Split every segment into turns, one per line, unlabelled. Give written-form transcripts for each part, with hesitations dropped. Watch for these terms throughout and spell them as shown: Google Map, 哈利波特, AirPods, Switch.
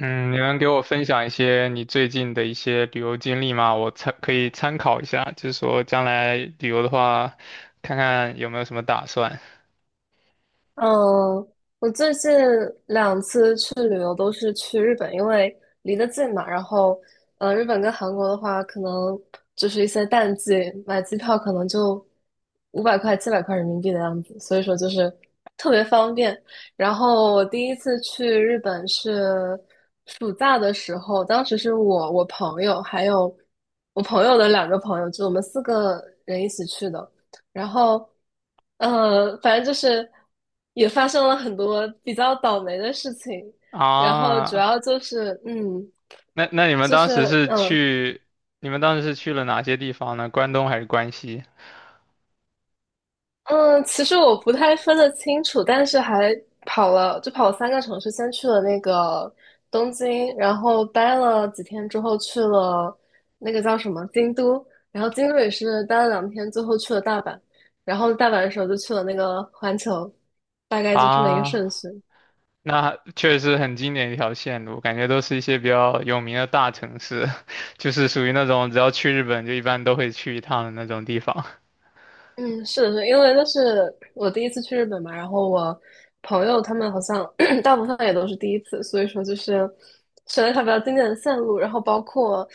嗯，你能给我分享一些你最近的一些旅游经历吗？可以参考一下，就是说将来旅游的话，看看有没有什么打算
嗯，我最近两次去旅游都是去日本，因为离得近嘛。然后，日本跟韩国的话，可能就是一些淡季，买机票可能就500块、700块人民币的样子，所以说就是特别方便。然后我第一次去日本是暑假的时候，当时是我、我朋友还有我朋友的两个朋友，就我们四个人一起去的。然后，反正就是也发生了很多比较倒霉的事情，然后主
啊？
要就是，
那你们
就
当时
是
是
嗯
去，你们当时是去了哪些地方呢？关东还是关西
嗯，其实我不太分得清楚，但是还跑了，就跑了三个城市，先去了那个东京，然后待了几天之后去了那个叫什么京都，然后京都也是待了2天，最后去了大阪，然后大阪的时候就去了那个环球，大概就这么一个
啊？
顺序。
那确实很经典一条线路，感觉都是一些比较有名的大城市，就是属于那种只要去日本就一般都会去一趟的那种地方。
嗯，是的，是因为那是我第一次去日本嘛，然后我朋友他们好像 大部分也都是第一次，所以说就是选了一条比较经典的线路，然后包括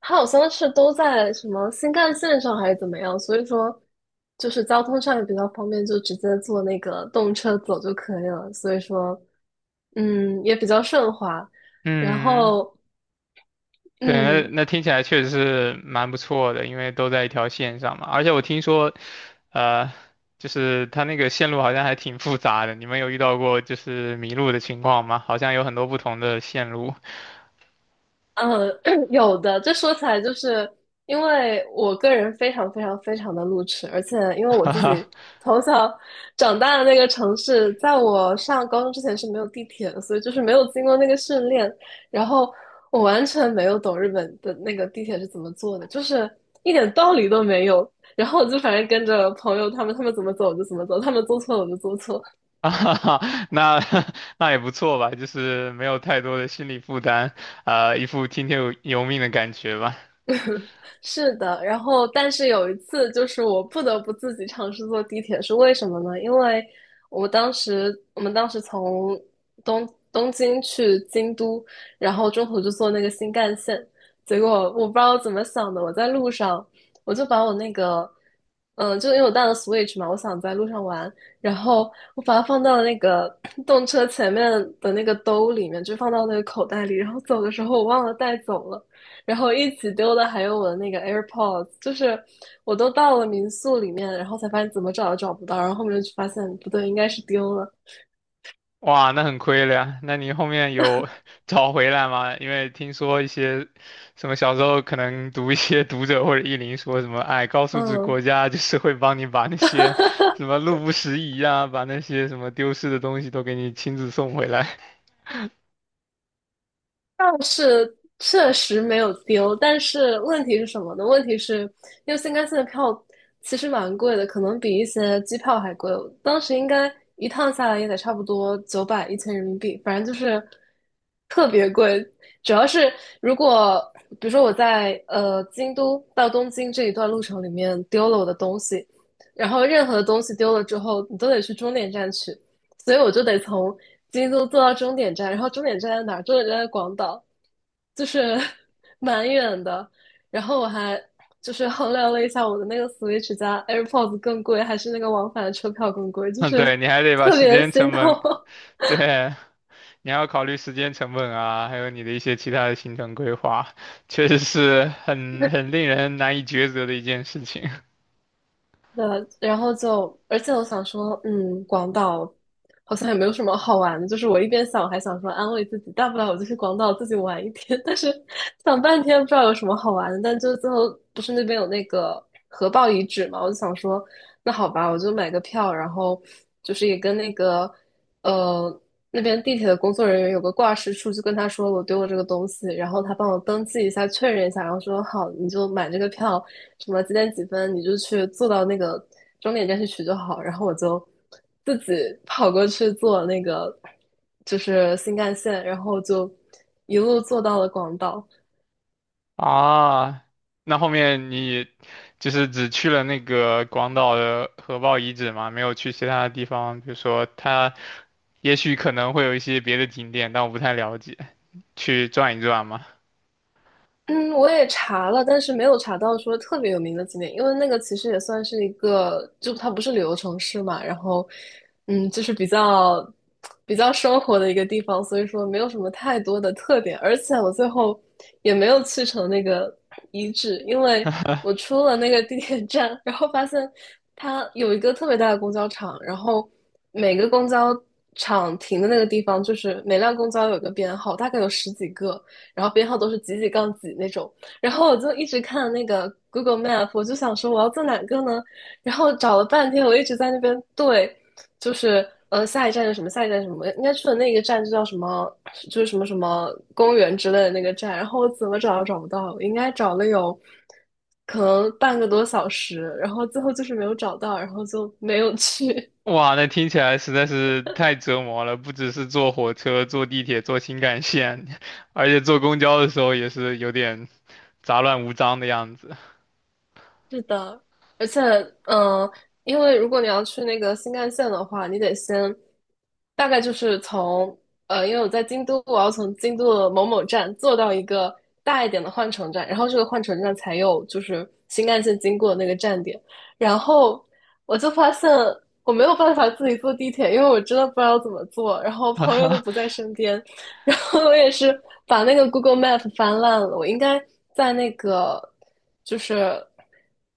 它好像是都在什么新干线上还是怎么样，所以说就是交通上也比较方便，就直接坐那个动车走就可以了，所以说也比较顺滑，然
嗯。
后
对，那
嗯。
那听起来确实是蛮不错的，因为都在一条线上嘛。而且我听说，呃，就是它那个线路好像还挺复杂的。你们有遇到过就是迷路的情况吗？好像有很多不同的线路。
嗯，有的，这说起来就是因为我个人非常非常非常的路痴，而且因为我自己 从小长大的那个城市，在我上高中之前是没有地铁的，所以就是没有经过那个训练，然后我完全没有懂日本的那个地铁是怎么坐的，就是一点道理都没有。然后我就反正跟着朋友他们，他们怎么走我就怎么走，他们做错了我就做错。
哈哈，那 那也不错吧，就是没有太多的心理负担，一副听天由命的感觉吧。
是的，然后但是有一次，就是我不得不自己尝试坐地铁，是为什么呢？因为我们当时从东京去京都，然后中途就坐那个新干线，结果我不知道怎么想的，我在路上我就把我那个，就因为我带了 Switch 嘛，我想在路上玩，然后我把它放到那个动车前面的那个兜里面，就放到那个口袋里，然后走的时候我忘了带走了。然后一起丢的还有我的那个 AirPods,就是我都到了民宿里面，然后才发现怎么找都找不到，然后后面就发现不对，应该是丢了。
哇，那很亏了呀。那你后面有 找回来吗？因为听说一些什么小时候可能读一些 读者或者译林说什么，哎，高素质国
嗯，
家 就是会帮你把那些 什么路不拾遗啊，把那些什么丢失的东西都给你亲自送回来。
是确实没有丢，但是问题是什么呢？问题是因为新干线的票其实蛮贵的，可能比一些机票还贵。当时应该一趟下来也得差不多九百一千人民币，反正就是特别贵。主要是如果比如说我在京都到东京这一段路程里面丢了我的东西，然后任何的东西丢了之后，你都得去终点站取。所以我就得从京都坐到终点站，然后终点站在哪儿？终点站在广岛，就是 蛮远的。然后我还就是衡量了一下，我的那个 Switch 加 AirPods 更贵，还是那个往返的车票更贵，就
嗯，
是
对，你还得把
特
时
别
间
心
成
痛。
本，对，你还要考虑时间成本啊，还有你的一些其他的行程规划，确实是很令人难以抉择的一件事情。
然后就，而且我想说，广岛好像也没有什么好玩的，就是我一边想，还想说安慰自己，大不了我就去广岛自己玩一天，但是想半天不知道有什么好玩的，但就最后不是那边有那个核爆遗址嘛，我就想说，那好吧，我就买个票，然后就是也跟那个呃，那边地铁的工作人员有个挂失处，就跟他说我丢了这个东西，然后他帮我登记一下，确认一下，然后说好，你就买这个票，什么几点几分，你就去坐到那个终点站去取就好。然后我就自己跑过去坐那个就是新干线，然后就一路坐到了广岛。
啊，那后面你就是只去了那个广岛的核爆遗址吗？没有去其他的地方，比如说它也许可能会有一些别的景点，但我不太了解，去转一转吗？
嗯，我也查了，但是没有查到说特别有名的景点，因为那个其实也算是一个，就它不是旅游城市嘛，然后，就是比较生活的一个地方，所以说没有什么太多的特点，而且我最后也没有去成那个遗址，因为我 出了那个地铁站，然后发现它有一个特别大的公交场，然后每个公交场停的那个地方，就是每辆公交有个编号，大概有十几个。然后编号都是几几杠几那种。然后我就一直看那个 Google Map,我就想说我要坐哪个呢？然后找了半天，我一直在那边对，就是下一站是什么，下一站是什么，应该去的那个站就叫什么，就是什么什么公园之类的那个站。然后我怎么找都找不到，我应该找了有可能半个多小时，然后最后就是没有找到，然后就没有去。
哇，那听起来实在是太折磨了，不只是坐火车、坐地铁、坐新干线，而且坐公交的时候也是有点杂乱无章的样子。
是的，而且，嗯、呃因为如果你要去那个新干线的话，你得先大概就是因为我在京都，我要从京都的某某站坐到一个大一点的换乘站，然后这个换乘站才有就是新干线经过的那个站点，然后我就发现我没有办法自己坐地铁，因为我真的不知道怎么坐，然后朋友都不在 身边，然后我也是把那个 Google Map 翻烂了，我应该在那个就是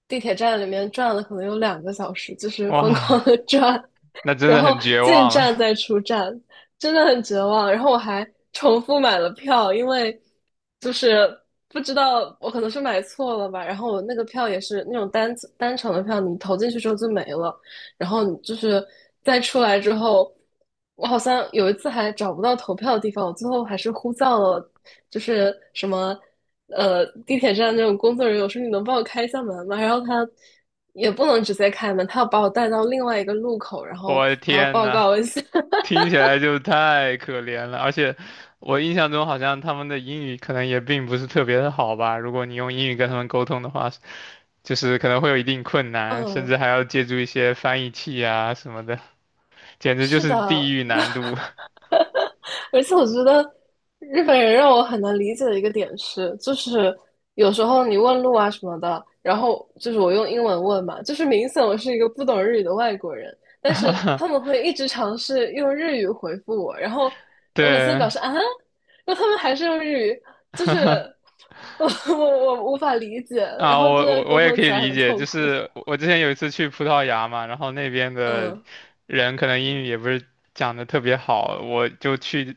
地铁站里面转了，可能有2个小时，就是疯
哇，
狂的转，
那真
然
的
后
很绝
进
望了，
站再出站，真的很绝望。然后我还重复买了票，因为就是不知道我可能是买错了吧，然后我那个票也是那种单程的票，你投进去之后就没了，然后就是再出来之后，我好像有一次还找不到投票的地方，我最后还是呼叫了，就是什么地铁站那种工作人员，我说你能帮我开一下门吗？然后他也不能直接开门，他要把我带到另外一个路口，然后
我的
还要
天
报
呐！
告一下。
听起来就太可怜了，而且我印象中好像他们的英语可能也并不是特别的好吧。如果你用英语跟他们沟通的话，就是可能会有一定困难，甚
嗯，
至还要借助一些翻译器啊什么的，简直就
是
是地
的，
狱难 度。
而且我觉得日本人让我很难理解的一个点是，就是有时候你问路啊什么的，然后就是我用英文问嘛，就是明显我是一个不懂日语的外国人，但是他们 会一直尝试用日语回复我，然后我每次
对，
表示啊，那他们还是用日语，就是 我我无法理解，然
啊，
后
我
真的
我
沟
我也
通
可以
起来
理
很
解，
痛
就
苦。
是我之前有一次去葡萄牙嘛，然后那边的
嗯，
人可能英语也不是讲的特别好，我就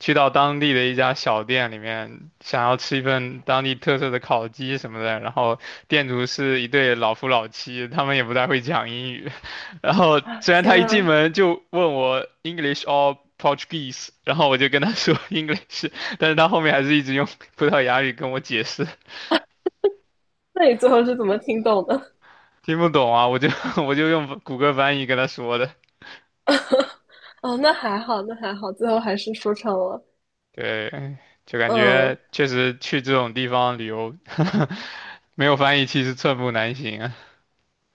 去到当地的一家小店里面，想要吃一份当地特色的烤鸡什么的，然后店主是一对老夫老妻，他们也不太会讲英语，然后
啊，
虽然
天
他一进
啊，
门就问我 English or Portuguese,然后我就跟他说 English,但是他后面还是一直用葡萄牙语跟我解释。
那你最后是怎么听懂的？
听不懂啊，我就 我就用谷歌翻译跟他说的。
哦，那还好，那还好，最后还是说成了。
对，就感
嗯，
觉确实去这种地方旅游，没有翻译器是寸步难行啊。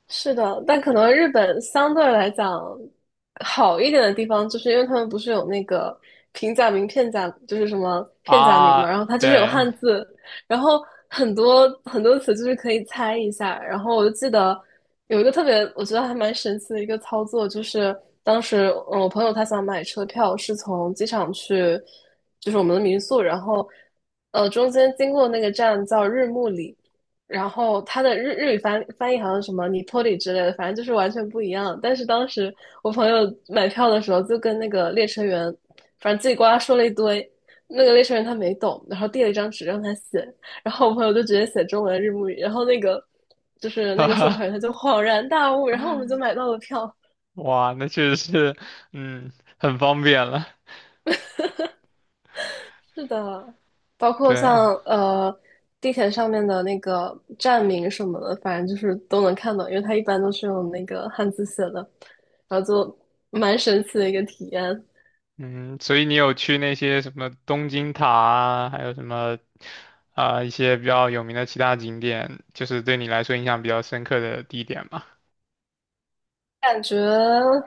是的，但可能日本相对来讲好一点的地方，就是因为他们不是有那个平假名、片假，就是什么 片假名嘛，
啊，
然后它就是有
对，
汉字，然后很多很多词就是可以猜一下。然后我就记得有一个特别，我觉得还蛮神奇的一个操作，就是当时我朋友他想买车票，是从机场去，就是我们的民宿，然后中间经过那个站叫日暮里。然后他的日语翻译好像什么"尼坡里"之类的，反正就是完全不一样。但是当时我朋友买票的时候，就跟那个列车员，反正叽里呱啦说了一堆，那个列车员他没懂，然后递了一张纸让他写，然后我朋友就直接写中文日母语，然后那个就是那个售票员他就 恍然大悟，然后我们就买到了票。
哇，那确实是，嗯，很方便了。
是的，包括
对，
像地铁上面的那个站名什么的，反正就是都能看到，因为它一般都是用那个汉字写的，然后就蛮神奇的一个体验。
嗯，所以你有去那些什么东京塔啊，还有什么啊、一些比较有名的其他景点，就是对你来说印象比较深刻的地点吗？
感觉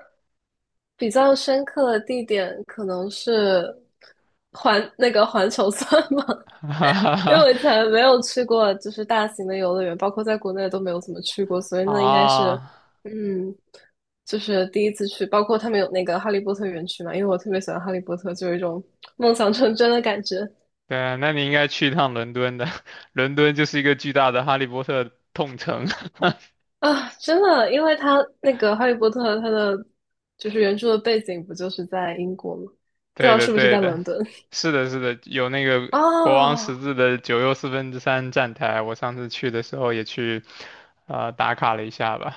比较深刻的地点可能是那个环球算吗？因为我以前 没有去过，就是大型的游乐园，包括在国内都没有怎么去过，所以那应该是，
啊。
嗯，就是第一次去。包括他们有那个哈利波特园区嘛，因为我特别喜欢哈利波特，就有一种梦想成真的感觉
对啊，那你应该去一趟伦敦的，伦敦就是一个巨大的哈利波特痛城。
啊！真的，因为他那个哈利波特，他的就是原著的背景不就是在英国吗？不知
对
道
的，
是不是
对
在
的，
伦敦？
是的，是的，有那 个国王十
哦，
字的九又四分之三站台，我上次去的时候也去，打卡了一下吧。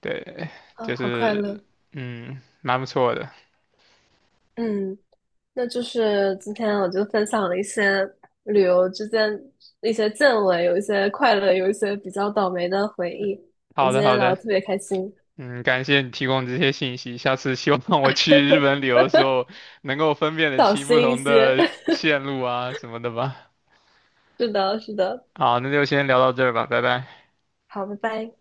对，
啊，
就
好快
是，
乐！
嗯，蛮不错的。
嗯，那就是今天我就分享了一些旅游之间一些见闻，有一些快乐，有一些比较倒霉的回忆。我
好
们今
的，
天
好
聊的
的，
特别开心，
嗯，感谢你提供这些信息，下次希望我去日本旅游的时候能够分辨的
小
清不
心一
同
些。
的 线路啊什么的吧。
是的，是的，
好，那就先聊到这儿吧，拜拜。
好，拜拜。